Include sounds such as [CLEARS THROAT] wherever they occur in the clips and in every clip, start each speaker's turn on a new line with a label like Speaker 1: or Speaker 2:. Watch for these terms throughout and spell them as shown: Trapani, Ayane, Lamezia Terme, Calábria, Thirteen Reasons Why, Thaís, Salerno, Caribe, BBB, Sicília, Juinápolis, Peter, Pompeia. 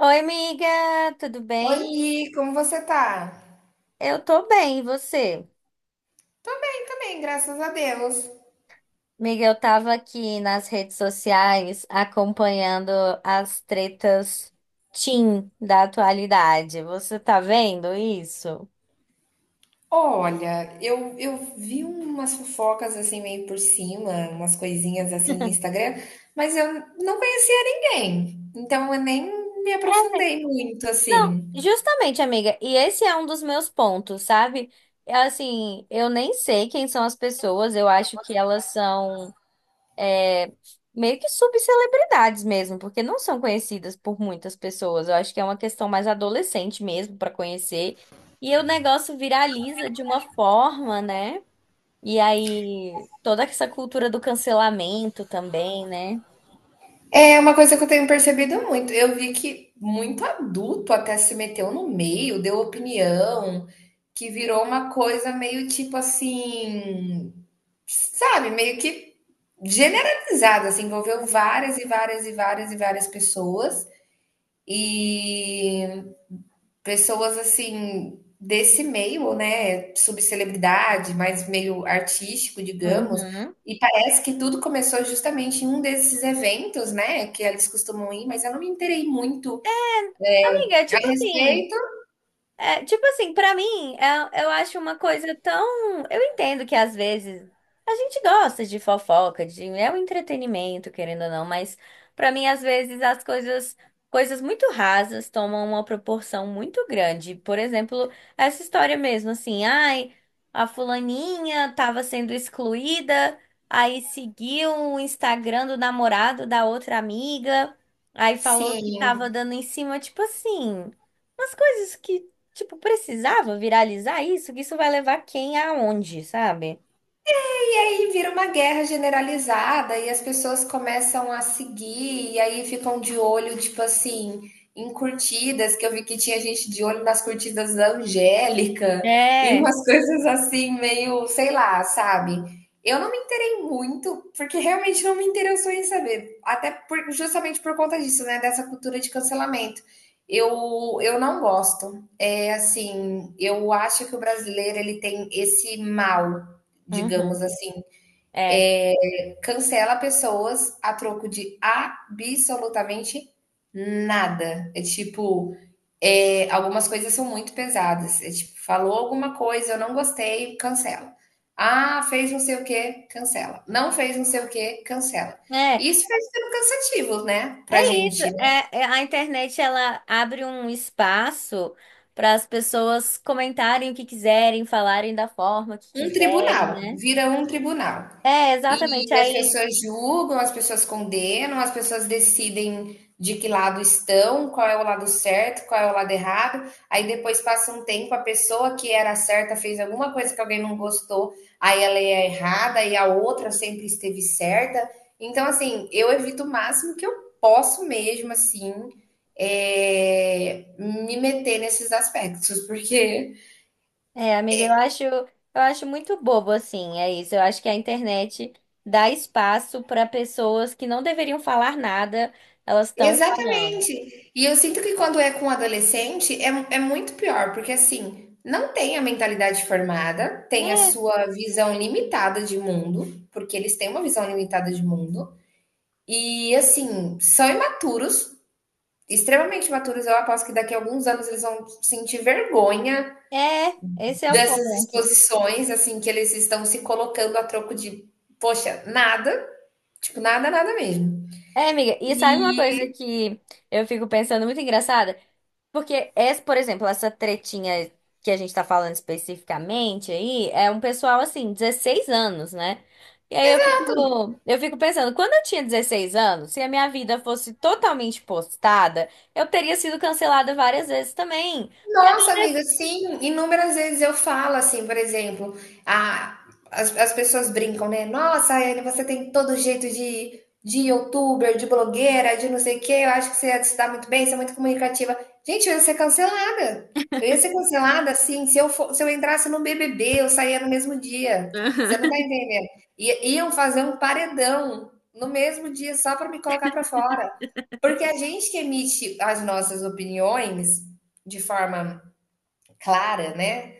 Speaker 1: Oi, amiga, tudo bem?
Speaker 2: Oi, como você tá?
Speaker 1: Eu tô bem, e você?
Speaker 2: Tô bem também, graças a Deus.
Speaker 1: Amiga, eu tava aqui nas redes sociais acompanhando as tretas teen da atualidade. Você tá vendo isso?
Speaker 2: Olha, eu vi umas fofocas assim meio por cima, umas coisinhas assim de Instagram, mas eu não conhecia ninguém, então eu nem me aprofundei muito
Speaker 1: Não,
Speaker 2: assim.
Speaker 1: justamente, amiga, e esse é um dos meus pontos, sabe? É, assim, eu nem sei quem são as pessoas, eu acho que elas são meio que subcelebridades mesmo, porque não são conhecidas por muitas pessoas. Eu acho que é uma questão mais adolescente mesmo para conhecer. E o negócio viraliza de uma forma, né? E aí toda essa cultura do cancelamento também, né?
Speaker 2: É uma coisa que eu tenho percebido muito. Eu vi que muito adulto até se meteu no meio, deu opinião, que virou uma coisa meio tipo assim, sabe, meio que generalizado, assim, envolveu várias e várias e várias e várias pessoas e pessoas assim desse meio, né, subcelebridade, mas meio artístico, digamos.
Speaker 1: Uhum.
Speaker 2: E parece que tudo começou justamente em um desses eventos, né, que eles costumam ir, mas eu não me interei muito
Speaker 1: Amiga, é
Speaker 2: a
Speaker 1: tipo assim,
Speaker 2: respeito.
Speaker 1: É, tipo assim, pra mim, eu acho uma coisa tão. Eu entendo que às vezes a gente gosta de fofoca, de é um entretenimento, querendo ou não, mas pra mim, às vezes, coisas muito rasas tomam uma proporção muito grande. Por exemplo, essa história mesmo, assim, ai, a fulaninha tava sendo excluída, aí seguiu o Instagram do namorado da outra amiga, aí falou que
Speaker 2: Sim.
Speaker 1: tava dando em cima, tipo assim. Umas coisas que. Tipo, precisava viralizar isso? Que isso vai levar quem aonde, sabe?
Speaker 2: E aí vira uma guerra generalizada e as pessoas começam a seguir e aí ficam de olho, tipo assim, em curtidas, que eu vi que tinha gente de olho nas curtidas da Angélica e
Speaker 1: É,
Speaker 2: umas [LAUGHS] coisas assim, meio, sei lá, sabe? Eu não me interei muito, porque realmente não me interessou em saber. Até por- justamente por conta disso, né? Dessa cultura de cancelamento. Eu não gosto. É assim, eu acho que o brasileiro ele tem esse mal, digamos
Speaker 1: Uhum.
Speaker 2: assim,
Speaker 1: É.
Speaker 2: cancela pessoas a troco de absolutamente nada. É tipo, algumas coisas são muito pesadas. É tipo, falou alguma coisa, eu não gostei, cancela. Ah, fez não sei o que, cancela. Não fez não sei o que, cancela.
Speaker 1: É,
Speaker 2: Isso vai sendo cansativo, né, pra
Speaker 1: isso,
Speaker 2: gente.
Speaker 1: a internet ela abre um espaço para as pessoas comentarem o que quiserem, falarem da forma que
Speaker 2: Um
Speaker 1: quiserem,
Speaker 2: tribunal,
Speaker 1: né?
Speaker 2: vira um tribunal.
Speaker 1: É, exatamente.
Speaker 2: E as
Speaker 1: Aí,
Speaker 2: pessoas julgam, as pessoas condenam, as pessoas decidem de que lado estão, qual é o lado certo, qual é o lado errado. Aí depois passa um tempo, a pessoa que era certa fez alguma coisa que alguém não gostou, aí ela é errada e a outra sempre esteve certa. Então, assim, eu evito o máximo que eu posso mesmo, assim, me meter nesses aspectos, porque...
Speaker 1: é, amiga, eu acho muito bobo assim, é isso. Eu acho que a internet dá espaço para pessoas que não deveriam falar nada, elas estão falando.
Speaker 2: Exatamente. E eu sinto que quando é com adolescente é muito pior, porque assim, não tem a mentalidade formada, tem a
Speaker 1: né
Speaker 2: sua visão limitada de mundo, porque eles têm uma visão limitada de mundo, e assim, são imaturos, extremamente imaturos. Eu aposto que daqui a alguns anos eles vão sentir vergonha
Speaker 1: É, esse é o
Speaker 2: dessas
Speaker 1: ponto.
Speaker 2: exposições, assim, que eles estão se colocando a troco de, poxa, nada, tipo, nada, nada mesmo.
Speaker 1: É, amiga, e sabe uma coisa
Speaker 2: E
Speaker 1: que eu fico pensando muito engraçada? Porque, essa, por exemplo, essa tretinha que a gente tá falando especificamente aí, é um pessoal assim, 16 anos, né? E aí eu fico pensando, quando eu tinha 16 anos, se a minha vida fosse totalmente postada, eu teria sido cancelada várias vezes também. Porque
Speaker 2: nossa, amiga, sim, inúmeras vezes eu falo assim, por exemplo, a, as, as pessoas brincam, né? Nossa, Ayane, você tem todo jeito de youtuber, de blogueira, de não sei o quê, eu acho que você ia se dar muito bem, você é muito comunicativa. Gente, eu ia ser cancelada. Eu ia ser cancelada, assim, se eu entrasse no BBB, eu saía no mesmo dia. Você não tá entendendo? Iam fazer um paredão no mesmo dia só para me colocar para fora. Porque a gente que emite as nossas opiniões de forma clara, né?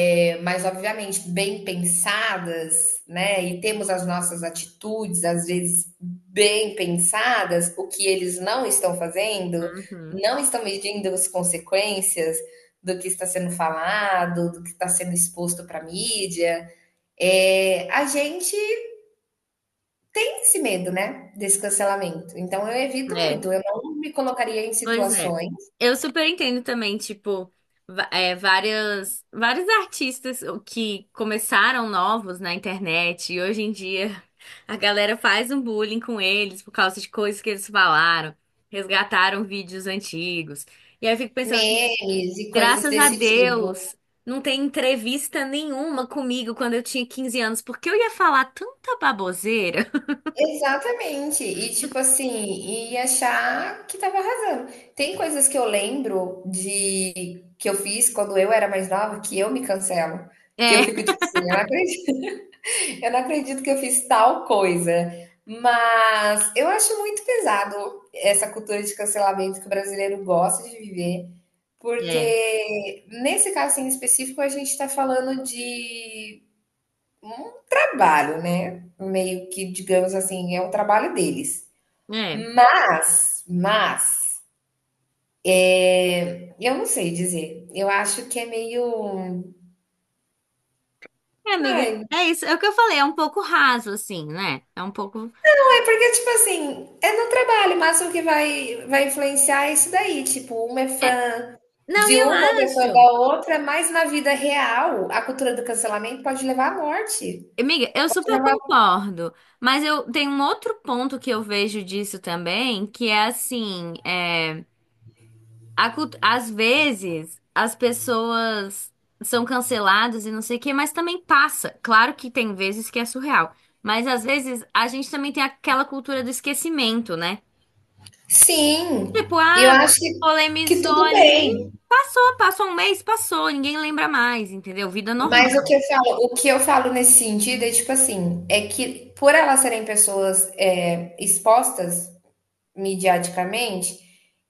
Speaker 2: É, mas obviamente bem pensadas, né? E temos as nossas atitudes às vezes bem pensadas, o que eles não estão fazendo,
Speaker 1: Uhum,
Speaker 2: não estão medindo as consequências do que está sendo falado, do que está sendo exposto para a mídia. É, a gente tem esse medo, né, desse cancelamento. Então eu
Speaker 1: [LAUGHS] uhum.
Speaker 2: evito
Speaker 1: É.
Speaker 2: muito, eu não me colocaria em
Speaker 1: Pois é.
Speaker 2: situações,
Speaker 1: Eu super entendo também, tipo, várias, vários artistas o que começaram novos na internet e hoje em dia a galera faz um bullying com eles por causa de coisas que eles falaram, resgataram vídeos antigos. E aí eu fico pensando, assim,
Speaker 2: memes e coisas
Speaker 1: graças a
Speaker 2: desse tipo.
Speaker 1: Deus, não tem entrevista nenhuma comigo quando eu tinha 15 anos, porque eu ia falar tanta baboseira.
Speaker 2: Exatamente. E tipo assim, e achar que tava arrasando. Tem coisas que eu lembro de que eu fiz quando eu era mais nova que eu me cancelo.
Speaker 1: [LAUGHS]
Speaker 2: Que
Speaker 1: É,
Speaker 2: eu fico tipo assim, eu não acredito, [LAUGHS] eu não acredito que eu fiz tal coisa. Mas eu acho muito pesado essa cultura de cancelamento que o brasileiro gosta de viver,
Speaker 1: é,
Speaker 2: porque nesse caso em específico a gente está falando de um trabalho, né? Meio que, digamos assim, é o trabalho deles.
Speaker 1: é.
Speaker 2: Mas, eu não sei dizer. Eu acho que é meio...
Speaker 1: É, amiga,
Speaker 2: Ai,
Speaker 1: é isso. É o que eu falei, é um pouco raso, assim, né? É um pouco.
Speaker 2: ai, porque, tipo assim, é no trabalho, mas o que vai influenciar é isso daí. Tipo, uma é
Speaker 1: é-
Speaker 2: fã
Speaker 1: Não,
Speaker 2: de
Speaker 1: e eu
Speaker 2: uma, outra é fã
Speaker 1: acho.
Speaker 2: da outra, mas na vida real, a cultura do cancelamento pode levar à morte.
Speaker 1: Amiga, eu
Speaker 2: Pode
Speaker 1: super
Speaker 2: levar.
Speaker 1: concordo, mas eu tenho um outro ponto que eu vejo disso também, que é assim, às vezes as pessoas são canceladas e não sei o quê, mas também passa. Claro que tem vezes que é surreal, mas às vezes a gente também tem aquela cultura do esquecimento, né?
Speaker 2: Sim,
Speaker 1: Tipo,
Speaker 2: eu
Speaker 1: ah,
Speaker 2: acho que
Speaker 1: polemizou
Speaker 2: tudo
Speaker 1: ali,
Speaker 2: bem.
Speaker 1: passou um mês, passou, ninguém lembra mais, entendeu? Vida normal.
Speaker 2: Mas o que eu falo, o que eu falo nesse sentido é tipo assim, é que por elas serem pessoas expostas midiaticamente,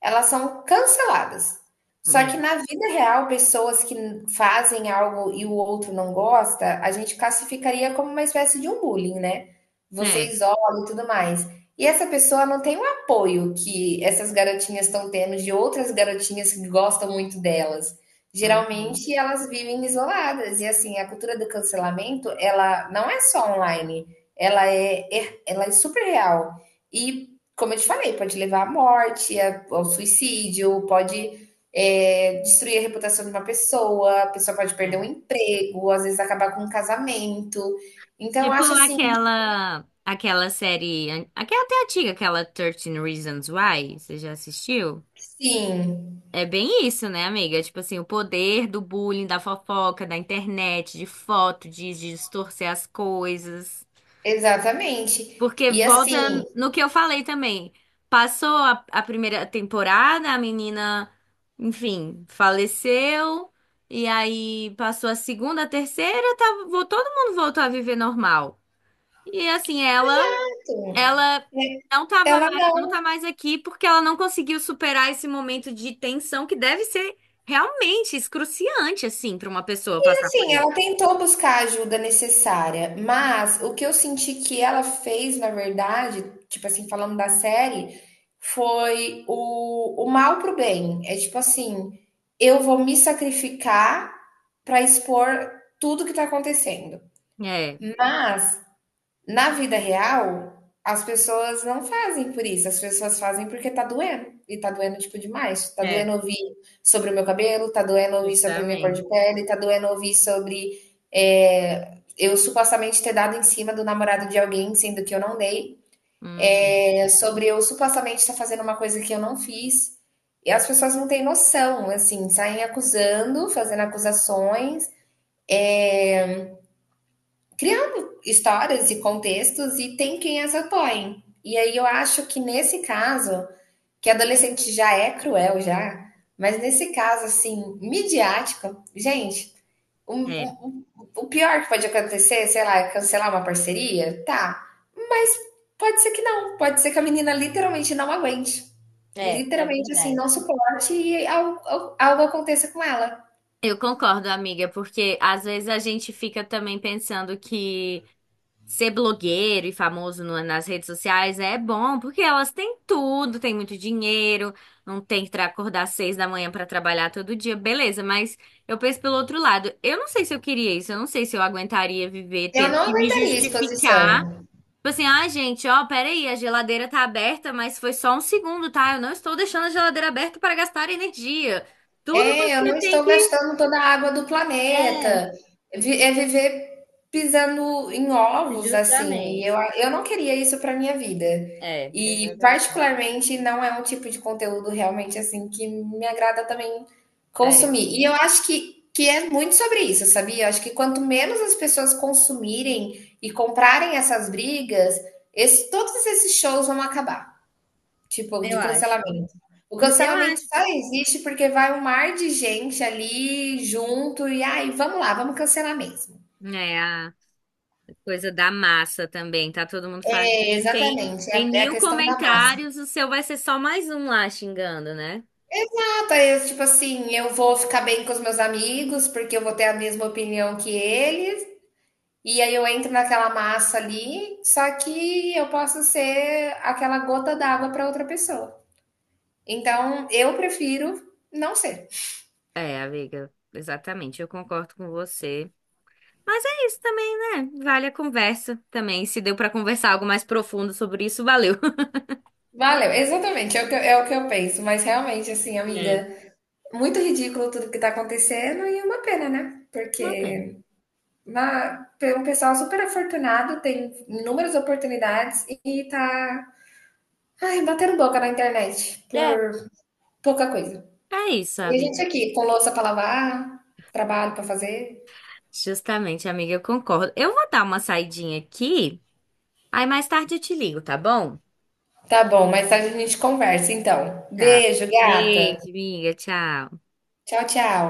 Speaker 2: elas são canceladas. Só
Speaker 1: É,
Speaker 2: que na vida real, pessoas que fazem algo e o outro não gosta, a gente classificaria como uma espécie de um bullying, né? Você
Speaker 1: é,
Speaker 2: isola e tudo mais. E essa pessoa não tem o apoio que essas garotinhas estão tendo de outras garotinhas que gostam muito delas.
Speaker 1: uhum,
Speaker 2: Geralmente elas vivem isoladas e assim, a cultura do cancelamento, ela não é só online, ela é super real. E como eu te falei, pode levar à morte, ao suicídio, pode destruir a reputação de uma pessoa, a pessoa pode perder
Speaker 1: é.
Speaker 2: um emprego, às vezes acabar com um casamento. Então, eu
Speaker 1: Tipo
Speaker 2: acho assim,
Speaker 1: aquela série, aquela até antiga, aquela Thirteen Reasons Why, você já assistiu?
Speaker 2: que sim,
Speaker 1: É bem isso, né, amiga? Tipo assim, o poder do bullying, da fofoca, da internet, de foto, de distorcer as coisas.
Speaker 2: exatamente.
Speaker 1: Porque
Speaker 2: E assim,
Speaker 1: volta no que eu falei também. Passou a primeira temporada, a menina, enfim, faleceu. E aí passou a segunda, a terceira, tava, todo mundo voltou a viver normal. E assim, ela
Speaker 2: né,
Speaker 1: não tava
Speaker 2: ela
Speaker 1: mais, não
Speaker 2: não...
Speaker 1: tá mais aqui porque ela não conseguiu superar esse momento de tensão que deve ser realmente excruciante, assim, para uma pessoa passar por
Speaker 2: Assim,
Speaker 1: isso.
Speaker 2: ela tentou buscar a ajuda necessária, mas o que eu senti que ela fez, na verdade, tipo assim, falando da série, foi o mal pro bem. É tipo assim, eu vou me sacrificar para expor tudo que tá acontecendo.
Speaker 1: É,
Speaker 2: Mas na vida real, as pessoas não fazem por isso, as pessoas fazem porque tá doendo, e tá doendo, tipo, demais. Tá
Speaker 1: é,
Speaker 2: doendo ouvir sobre o meu cabelo, tá doendo ouvir sobre a minha cor de
Speaker 1: justamente.
Speaker 2: pele, tá doendo ouvir sobre, eu supostamente ter dado em cima do namorado de alguém, sendo que eu não dei,
Speaker 1: Uhum.
Speaker 2: sobre eu supostamente estar fazendo uma coisa que eu não fiz, e as pessoas não têm noção, assim, saem acusando, fazendo acusações, eh, criando histórias e contextos e tem quem as apoie. E aí eu acho que nesse caso, que adolescente já é cruel já, mas nesse caso assim, midiático, gente, um,
Speaker 1: É,
Speaker 2: um, um, o pior que pode acontecer, sei lá, é cancelar uma parceria, tá? Mas pode ser que não, pode ser que a menina literalmente não aguente.
Speaker 1: é, é
Speaker 2: Literalmente assim,
Speaker 1: verdade.
Speaker 2: não suporte e algo aconteça com ela.
Speaker 1: Eu concordo, amiga, porque às vezes a gente fica também pensando que ser blogueiro e famoso nas redes sociais é bom, porque elas têm tudo, têm muito dinheiro, não tem que acordar às 6 da manhã para trabalhar todo dia, beleza, mas eu penso pelo outro lado, eu não sei se eu queria isso, eu não sei se eu aguentaria viver
Speaker 2: Eu
Speaker 1: tendo
Speaker 2: não
Speaker 1: que me
Speaker 2: aguentaria a
Speaker 1: justificar.
Speaker 2: exposição.
Speaker 1: Tipo assim, ah, gente, ó, peraí, a geladeira tá aberta, mas foi só um segundo, tá? Eu não estou deixando a geladeira aberta para gastar energia. Tudo
Speaker 2: É, eu
Speaker 1: você
Speaker 2: não
Speaker 1: tem
Speaker 2: estou
Speaker 1: que.
Speaker 2: gastando toda a água do
Speaker 1: É.
Speaker 2: planeta. É viver pisando em ovos, assim. E eu,
Speaker 1: Justamente.
Speaker 2: eu não queria isso para minha vida.
Speaker 1: É,
Speaker 2: E,
Speaker 1: exatamente.
Speaker 2: particularmente, não é um tipo de conteúdo realmente assim que me agrada também
Speaker 1: É,
Speaker 2: consumir. E eu acho que é muito sobre isso, sabia? Eu acho que quanto menos as pessoas consumirem e comprarem essas brigas, todos esses shows vão acabar. Tipo, de
Speaker 1: eu acho.
Speaker 2: cancelamento. O
Speaker 1: [CLEARS THROAT] Eu
Speaker 2: cancelamento
Speaker 1: acho.
Speaker 2: só existe porque vai um mar de gente ali junto e aí, vamos lá, vamos cancelar mesmo.
Speaker 1: É, a coisa da massa também, tá todo mundo fazendo.
Speaker 2: É,
Speaker 1: Tem,
Speaker 2: exatamente, é
Speaker 1: tem
Speaker 2: é a
Speaker 1: mil
Speaker 2: questão da massa.
Speaker 1: comentários, o seu vai ser só mais um lá xingando, né?
Speaker 2: Ah, Thaís, tipo assim, eu vou ficar bem com os meus amigos porque eu vou ter a mesma opinião que eles. E aí eu entro naquela massa ali, só que eu posso ser aquela gota d'água para outra pessoa. Então, eu prefiro não ser.
Speaker 1: É, amiga, exatamente, eu concordo com você. Mas é isso também, né? Vale a conversa também. Se deu pra conversar algo mais profundo sobre isso, valeu. [LAUGHS]
Speaker 2: Valeu, exatamente, é o que, é o que eu penso. Mas realmente, assim,
Speaker 1: É,
Speaker 2: amiga, muito ridículo tudo que tá acontecendo e uma pena, né?
Speaker 1: uma pena.
Speaker 2: Porque uma, um pessoal super afortunado tem inúmeras oportunidades e tá, ai, batendo boca na internet por
Speaker 1: É.
Speaker 2: pouca coisa.
Speaker 1: É isso,
Speaker 2: E a gente
Speaker 1: amiga.
Speaker 2: aqui, com louça pra lavar, trabalho pra fazer.
Speaker 1: Justamente, amiga, eu concordo. Eu vou dar uma saidinha aqui. Aí mais tarde eu te ligo, tá bom?
Speaker 2: Tá bom, mais tarde a gente conversa, então.
Speaker 1: Tá.
Speaker 2: Beijo, gata.
Speaker 1: Beijo, amiga. Tchau.
Speaker 2: Tchau, tchau.